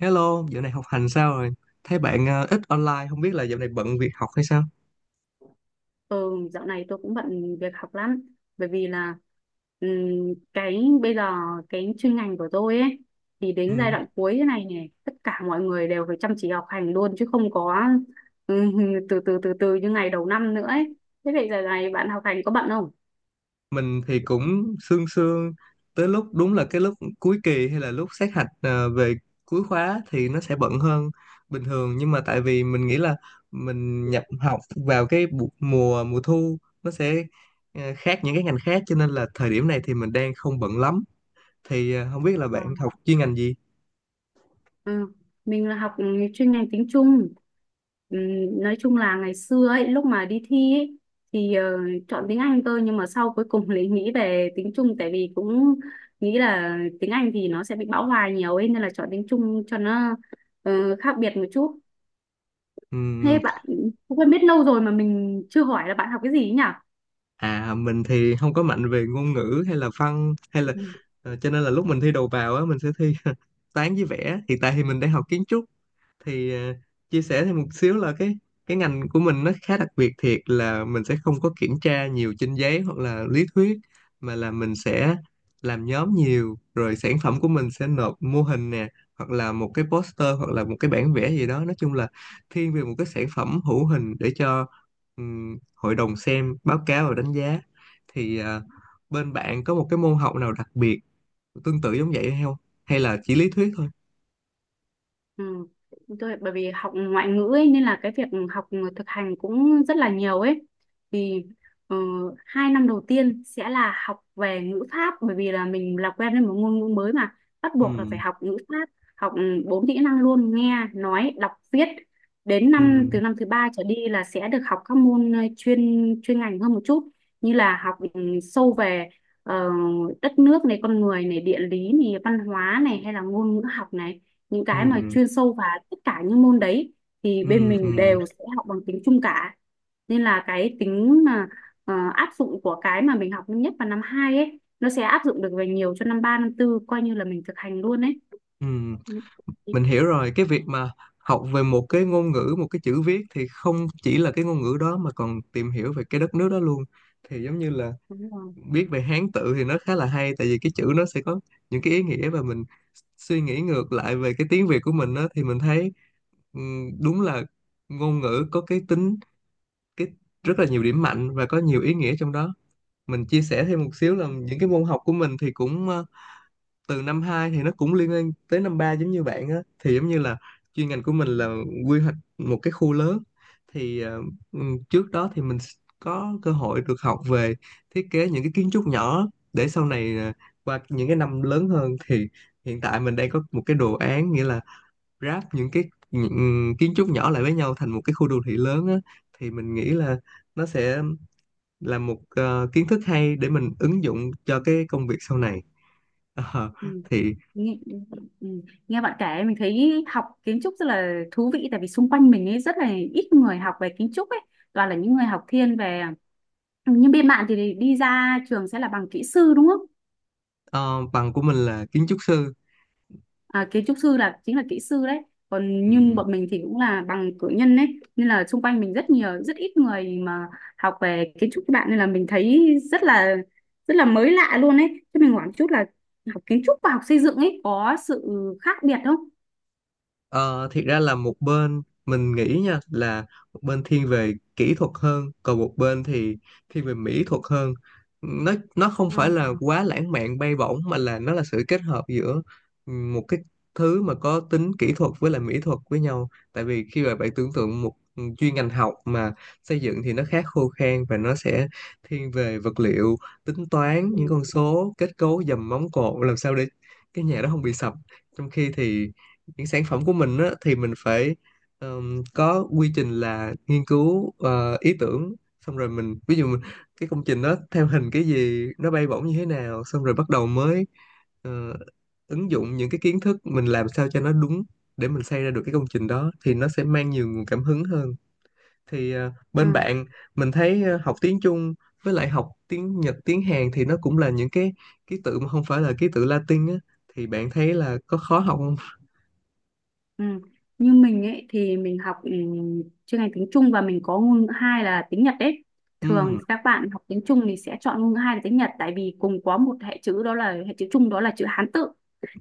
Hello, dạo này học hành sao rồi? Thấy bạn ít online, không biết là dạo này bận việc học hay sao? Ừ, dạo này tôi cũng bận việc học lắm bởi vì là cái bây giờ cái chuyên ngành của tôi ấy thì đến giai Ừ, đoạn cuối thế này này tất cả mọi người đều phải chăm chỉ học hành luôn chứ không có ừm, từ từ như ngày đầu năm nữa ấy. Thế vậy giờ này bạn học hành có bận không? mình thì cũng sương sương, tới lúc đúng là cái lúc cuối kỳ hay là lúc sát hạch về cuối khóa thì nó sẽ bận hơn bình thường. Nhưng mà tại vì mình nghĩ là mình nhập học vào cái mùa mùa thu nó sẽ khác những cái ngành khác, cho nên là thời điểm này thì mình đang không bận lắm. Thì không biết là bạn học chuyên ngành gì? Ờ, mình là học chuyên ngành tiếng Trung. Ừm, nói chung là ngày xưa ấy, lúc mà đi thi ấy, thì chọn tiếng Anh cơ, nhưng mà sau cuối cùng lại nghĩ về tiếng Trung, tại vì cũng nghĩ là tiếng Anh thì nó sẽ bị bão hòa nhiều ấy, nên là chọn tiếng Trung cho nó khác biệt một chút. Ừ, Thế bạn cũng quen biết lâu rồi mà mình chưa hỏi là bạn học cái gì ấy à, mình thì không có mạnh về ngôn ngữ hay là văn hay là nhỉ? Cho nên là lúc mình thi đầu vào á mình sẽ thi toán với vẽ. Hiện tại thì mình đang học kiến trúc, thì à, chia sẻ thêm một xíu là cái ngành của mình nó khá đặc biệt, thiệt là mình sẽ không có kiểm tra nhiều trên giấy hoặc là lý thuyết, mà là mình sẽ làm nhóm nhiều rồi sản phẩm của mình sẽ nộp mô hình nè, hoặc là một cái poster hoặc là một cái bản vẽ gì đó, nói chung là thiên về một cái sản phẩm hữu hình để cho hội đồng xem báo cáo và đánh giá. Thì à, bên bạn có một cái môn học nào đặc biệt tương tự giống vậy hay không, hay là chỉ lý thuyết thôi? Ừ. Tôi, bởi vì học ngoại ngữ ấy, nên là cái việc học thực hành cũng rất là nhiều ấy, thì ờ, 2 năm đầu tiên sẽ là học về ngữ pháp, bởi vì là mình làm quen với một ngôn ngữ mới mà bắt Ừ, buộc là phải học ngữ pháp, học bốn kỹ năng luôn: nghe, nói, đọc, viết. Đến ừ, năm Từ năm thứ ba trở đi là sẽ được học các môn chuyên chuyên ngành hơn một chút, như là học sâu về ờ, đất nước này, con người này, địa lý này, văn hóa này, hay là ngôn ngữ học này, những cái ừ. mà chuyên sâu vào tất cả những môn đấy thì Ừ, bên ừ, mình đều sẽ học bằng tiếng Trung cả. Nên là cái tính mà áp dụng của cái mà mình học nhất vào năm 2 ấy nó sẽ áp dụng được về nhiều cho năm ba, năm tư, coi như là mình thực hành luôn ấy. ừ. Ừ, Mình hiểu rồi. Cái việc mà học về một cái ngôn ngữ, một cái chữ viết thì không chỉ là cái ngôn ngữ đó mà còn tìm hiểu về cái đất nước đó luôn. Thì giống như là đúng rồi. biết về Hán tự thì nó khá là hay, tại vì cái chữ nó sẽ có những cái ý nghĩa và mình suy nghĩ ngược lại về cái tiếng Việt của mình đó, thì mình thấy ừ, đúng là ngôn ngữ có cái tính cái rất là nhiều điểm mạnh và có nhiều ý nghĩa trong đó. Mình chia sẻ thêm một Ừ. xíu là những cái môn học của mình thì cũng từ năm 2 thì nó cũng liên quan tới năm ba, giống như bạn á, thì giống như là chuyên ngành của mình Ừ. là quy hoạch một cái khu lớn, thì trước đó thì mình có cơ hội được học về thiết kế những cái kiến trúc nhỏ, để sau này qua những cái năm lớn hơn thì hiện tại mình đang có một cái đồ án, nghĩa là ráp những kiến trúc nhỏ lại với nhau thành một cái khu đô thị lớn á, thì mình nghĩ là nó sẽ là một kiến thức hay để mình ứng dụng cho cái công việc sau này. Ờ, Ừ. thì Nghe, ừ. Nghe bạn kể mình thấy học kiến trúc rất là thú vị, tại vì xung quanh mình ấy rất là ít người học về kiến trúc ấy, toàn là những người học thiên về, nhưng bên bạn thì đi ra trường sẽ là bằng kỹ sư đúng không? Ờ, bằng của mình là kiến trúc sư. À, kiến trúc sư chính là kỹ sư đấy, còn Ừ. nhưng bọn mình thì cũng là bằng cử nhân đấy. Nên là xung quanh mình rất nhiều, rất ít người mà học về kiến trúc các bạn, nên là mình thấy rất là, rất là mới lạ luôn ấy. Chứ mình hỏi một chút là học kiến trúc và học xây dựng ấy có sự khác biệt không? Ờ, thiệt ra là một bên mình nghĩ nha, là một bên thiên về kỹ thuật hơn, còn một bên thì thiên về mỹ thuật hơn. Nó không Ờ. phải là quá lãng mạn bay bổng, mà là nó là sự kết hợp giữa một cái thứ mà có tính kỹ thuật với lại mỹ thuật với nhau, tại vì khi mà bạn tưởng tượng một chuyên ngành học mà xây dựng thì nó khá khô khan và nó sẽ thiên về vật liệu, tính toán Ừ. những con số kết cấu dầm móng cột làm sao để cái nhà đó không bị sập. Trong khi thì những sản phẩm của mình á, thì mình phải có quy trình là nghiên cứu ý tưởng, xong rồi mình ví dụ mình, cái công trình đó theo hình cái gì, nó bay bổng như thế nào, xong rồi bắt đầu mới ờ, ứng dụng những cái kiến thức mình làm sao cho nó đúng, để mình xây ra được cái công trình đó thì nó sẽ mang nhiều nguồn cảm hứng hơn. Thì bên Ừ. bạn mình thấy học tiếng Trung với lại học tiếng Nhật tiếng Hàn thì nó cũng là những cái ký tự mà không phải là ký tự Latin á, thì bạn thấy là có khó học không? Ừ. Như mình ấy thì mình học chuyên ngành tiếng Trung và mình có ngôn ngữ hai là tiếng Nhật đấy. Thường Ừ, thì các bạn học tiếng Trung thì sẽ chọn ngôn ngữ hai là tiếng Nhật, tại vì cùng có một hệ chữ, đó là hệ chữ Trung, đó là chữ Hán tự.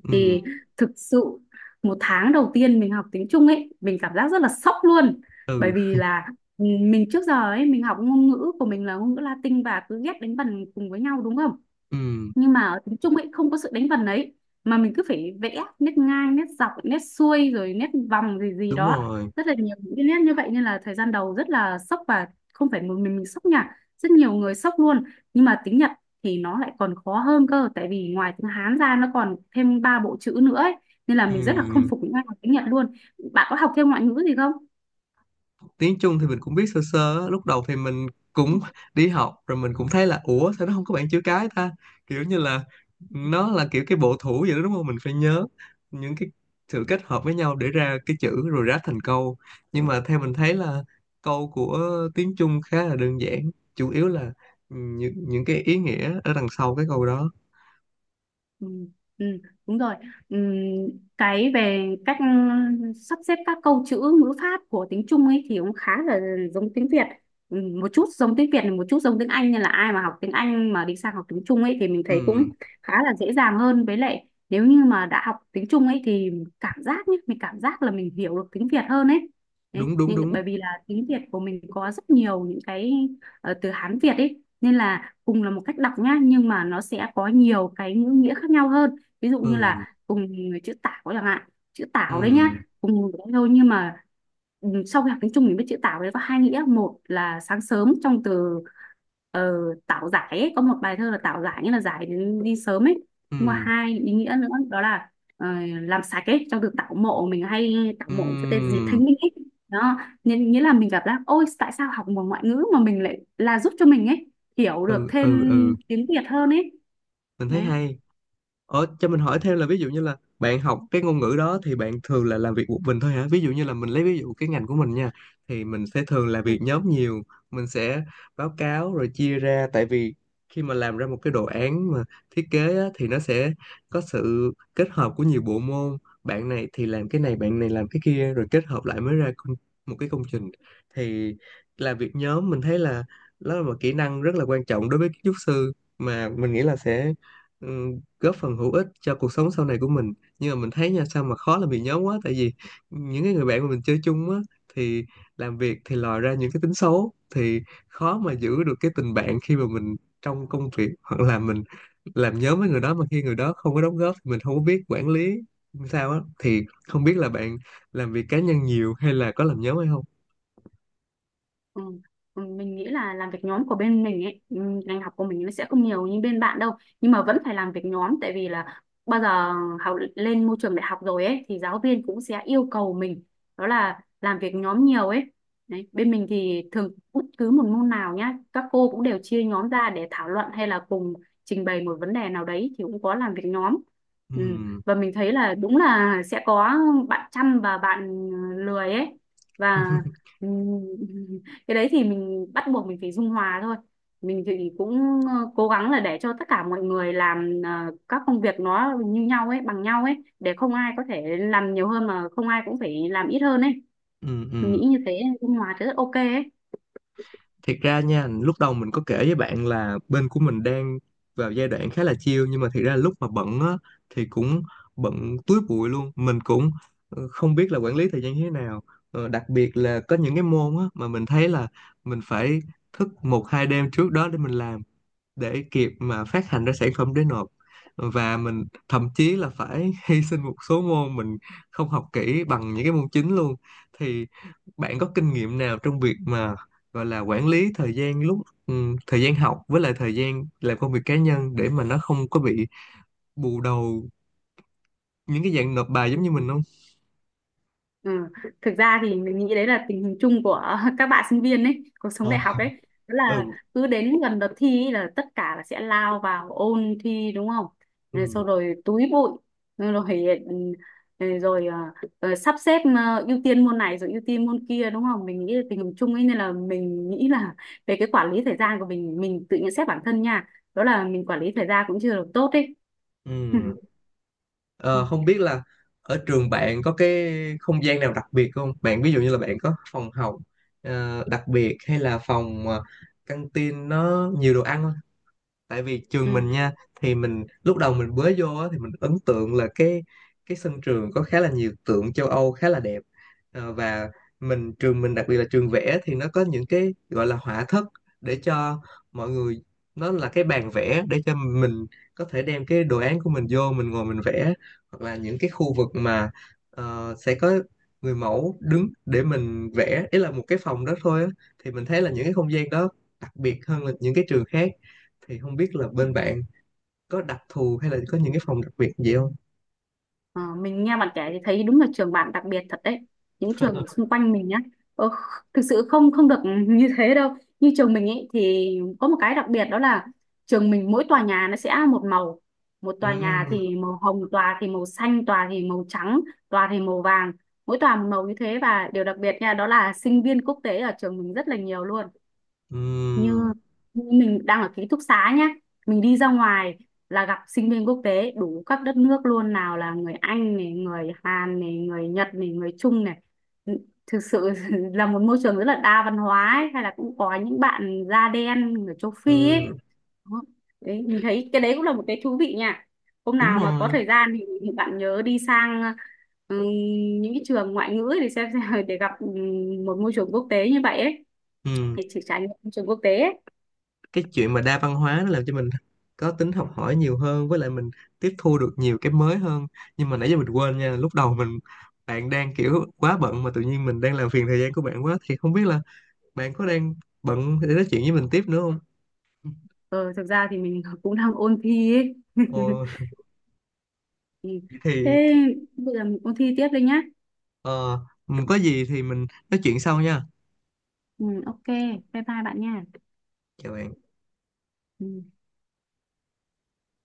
ừ. Thì thực sự 1 tháng đầu tiên mình học tiếng Trung ấy mình cảm giác rất là sốc luôn, bởi Ừ, vì là mình trước giờ ấy mình học ngôn ngữ của mình là ngôn ngữ Latin và cứ ghép đánh vần cùng với nhau đúng không? ừ, Nhưng mà ở tiếng Trung ấy không có sự đánh vần ấy, mà mình cứ phải vẽ nét ngang, nét dọc, nét xuôi, rồi nét vòng gì gì đúng đó, rồi, rất là nhiều những cái nét như vậy, nên là thời gian đầu rất là sốc. Và không phải một mình sốc nha, rất nhiều người sốc luôn. Nhưng mà tiếng Nhật thì nó lại còn khó hơn cơ, tại vì ngoài tiếng Hán ra nó còn thêm ba bộ chữ nữa ấy. Nên là mình rất là không ừ. phục những ai học tiếng Nhật luôn. Bạn có học thêm ngoại ngữ gì không? Tiếng Trung thì mình cũng biết sơ sơ á. Lúc đầu thì mình cũng đi học rồi mình cũng thấy là ủa sao nó không có bảng chữ cái ta, kiểu như là nó là kiểu cái bộ thủ vậy đó, đúng không? Mình phải nhớ những cái sự kết hợp với nhau để ra cái chữ rồi ráp thành câu. Nhưng mà theo mình thấy là câu của tiếng Trung khá là đơn giản, chủ yếu là những cái ý nghĩa ở đằng sau cái câu đó. Ừ, ừ, đúng rồi. Ừ, cái về cách sắp xếp các câu chữ ngữ pháp của tiếng Trung ấy thì cũng khá là giống tiếng Việt. Ừ, một chút giống tiếng Việt, một chút giống tiếng Anh, nên là ai mà học tiếng Anh mà đi sang học tiếng Trung ấy thì mình thấy Ừ, cũng khá là dễ dàng hơn. Với lại nếu như mà đã học tiếng Trung ấy thì cảm giác nhé, mình cảm giác là mình hiểu được tiếng Việt hơn ấy. Đấy, đúng đúng nhưng đúng, bởi vì là tiếng Việt của mình có rất nhiều những cái từ Hán Việt ấy, nên là cùng là một cách đọc nhá nhưng mà nó sẽ có nhiều cái ngữ nghĩa khác nhau hơn, ví dụ như ừ, là cùng chữ tảo chẳng hạn. Chữ tảo đấy nhá, ừ, cùng đấy thôi, nhưng mà sau khi học tiếng Trung mình biết chữ tảo đấy có hai nghĩa, một là sáng sớm trong từ ờ, tảo giải ấy. Có một bài thơ là tảo giải, nghĩa là giải đến đi sớm ấy, ừ, nhưng mà hai ý nghĩa nữa đó là ờ, làm sạch ấy, trong từ tảo mộ, mình hay tảo mộ với tên dịp ừ, thanh minh ấy. Đó, nghĩa nghĩa là mình gặp là ôi tại sao học một ngoại ngữ mà mình lại là giúp cho mình ấy hiểu được ừ, thêm ừ, ừ. tiếng Việt hơn ấy Mình thấy đấy. hay. Cho mình hỏi thêm là ví dụ như là bạn học cái ngôn ngữ đó thì bạn thường là làm việc một mình thôi hả? Ví dụ như là mình lấy ví dụ cái ngành của mình nha, thì mình sẽ thường là Ừ. việc nhóm nhiều, mình sẽ báo cáo rồi chia ra, tại vì khi mà làm ra một cái đồ án mà thiết kế á, thì nó sẽ có sự kết hợp của nhiều bộ môn, bạn này thì làm cái này, bạn này làm cái kia, rồi kết hợp lại mới ra một cái công trình. Thì làm việc nhóm mình thấy là đó là một kỹ năng rất là quan trọng đối với kiến trúc sư, mà mình nghĩ là sẽ ừ, góp phần hữu ích cho cuộc sống sau này của mình. Nhưng mà mình thấy nha sao mà khó làm việc nhóm quá, tại vì những cái người bạn mà mình chơi chung á, thì làm việc thì lòi ra những cái tính xấu, thì khó mà giữ được cái tình bạn khi mà mình trong công việc, hoặc là mình làm nhóm với người đó mà khi người đó không có đóng góp thì mình không có biết quản lý sao á. Thì không biết là bạn làm việc cá nhân nhiều hay là có làm nhóm hay không? Ừ. Mình nghĩ là làm việc nhóm của bên mình ấy, ngành học của mình nó sẽ không nhiều như bên bạn đâu. Nhưng mà vẫn phải làm việc nhóm, tại vì là bao giờ học lên môi trường đại học rồi ấy thì giáo viên cũng sẽ yêu cầu mình đó là làm việc nhóm nhiều ấy. Đấy, bên mình thì thường bất cứ một môn nào nhá, các cô cũng đều chia nhóm ra để thảo luận hay là cùng trình bày một vấn đề nào đấy thì cũng có làm việc nhóm. Ừ. Ừ, Và mình thấy là đúng là sẽ có bạn chăm và bạn lười ấy, và ừ, cái đấy thì mình bắt buộc mình phải dung hòa thôi, mình thì cũng cố gắng là để cho tất cả mọi người làm các công việc nó như nhau ấy, bằng nhau ấy, để không ai có thể làm nhiều hơn mà không ai cũng phải làm ít hơn ấy. ừ, Mình ừ. nghĩ như thế, dung hòa thì rất ok ấy. Thiệt ra nha, lúc đầu mình có kể với bạn là bên của mình đang vào giai đoạn khá là chill, nhưng mà thiệt ra lúc mà bận á thì cũng bận túi bụi luôn, mình cũng không biết là quản lý thời gian như thế nào. Đặc biệt là có những cái môn á mà mình thấy là mình phải thức một hai đêm trước đó để mình làm, để kịp mà phát hành ra sản phẩm để nộp, và mình thậm chí là phải hy sinh một số môn, mình không học kỹ bằng những cái môn chính luôn. Thì bạn có kinh nghiệm nào trong việc mà gọi là quản lý thời gian lúc thời gian học với lại thời gian làm công việc cá nhân, để mà nó không có bị bù đầu những cái dạng nộp bài giống như mình Ừ. không? Ừ. Thực ra thì mình nghĩ đấy là tình hình chung của các bạn sinh viên ấy, cuộc sống Ờ, đại học ấy. Đó là ừ. cứ đến gần đợt thi ấy là tất cả là sẽ lao vào ôn thi đúng không? Rồi sau Ừ. rồi túi bụi, rồi rồi, rồi à, sắp xếp ưu tiên môn này rồi ưu tiên môn kia đúng không? Mình nghĩ là tình hình chung ấy, nên là mình nghĩ là về cái quản lý thời gian của mình tự nhận xét bản thân nha. Đó là mình quản lý thời gian cũng chưa được tốt ấy. Ừ. Ờ, Ừ. không biết là ở trường bạn có cái không gian nào đặc biệt không? Bạn ví dụ như là bạn có phòng học đặc biệt, hay là phòng căng tin nó nhiều đồ ăn không? Tại vì trường Ừ. mình nha, thì mình lúc đầu mình mới vô á, thì mình ấn tượng là cái sân trường có khá là nhiều tượng châu Âu khá là đẹp. Và mình trường mình đặc biệt là trường vẽ thì nó có những cái gọi là họa thất, để cho mọi người, nó là cái bàn vẽ để cho mình có thể đem cái đồ án của mình vô mình ngồi mình vẽ, hoặc là những cái khu vực mà sẽ có người mẫu đứng để mình vẽ, ý là một cái phòng đó thôi á, thì mình thấy là những cái không gian đó đặc biệt hơn là những cái trường khác. Thì không biết là Ừ. bên bạn có đặc thù hay là có Ừ. những cái phòng đặc biệt gì không? Ờ, mình nghe bạn kể thì thấy đúng là trường bạn đặc biệt thật đấy. Những trường xung quanh mình nhá, ờ, thực sự không không được như thế đâu. Như trường mình ấy thì có một cái đặc biệt, đó là trường mình mỗi tòa nhà nó sẽ một màu: một tòa Ừm, nhà thì màu hồng, tòa thì màu xanh, tòa thì màu trắng, tòa thì màu vàng, mỗi tòa một màu như thế. Và điều đặc biệt nha, đó là sinh viên quốc tế ở trường mình rất là nhiều luôn. ừm, Như mình đang ở ký túc xá nhá, mình đi ra ngoài là gặp sinh viên quốc tế đủ các đất nước luôn, nào là người Anh này, người Hàn này, người Nhật này, người Trung này. Thực sự là một môi trường rất là đa văn hóa ấy. Hay là cũng có những bạn da đen, người châu Phi ấy. ừm, Đó. Đấy mình thấy cái đấy cũng là một cái thú vị nha. Hôm đúng nào mà có rồi. thời gian thì, bạn nhớ đi sang ừ, những cái trường ngoại ngữ để xem, xem để gặp một môi trường quốc tế như vậy ấy, Ừm, thì chỉ trải nghiệm môi trường quốc tế ấy. cái chuyện mà đa văn hóa nó làm cho mình có tính học hỏi nhiều hơn, với lại mình tiếp thu được nhiều cái mới hơn. Nhưng mà nãy giờ mình quên nha, lúc đầu mình, bạn đang kiểu quá bận mà tự nhiên mình đang làm phiền thời gian của bạn quá, thì không biết là bạn có đang bận để nói chuyện với mình tiếp nữa không? Ờ, Thực ra thì mình cũng đang ôn thi ấy. Ồ, Ừ. thì Thế bây giờ mình ôn thi tiếp đây nhá. ờ, có gì thì mình nói chuyện sau nha. Ừ, ok, bye bye bạn nha. Chào bạn. Ừ.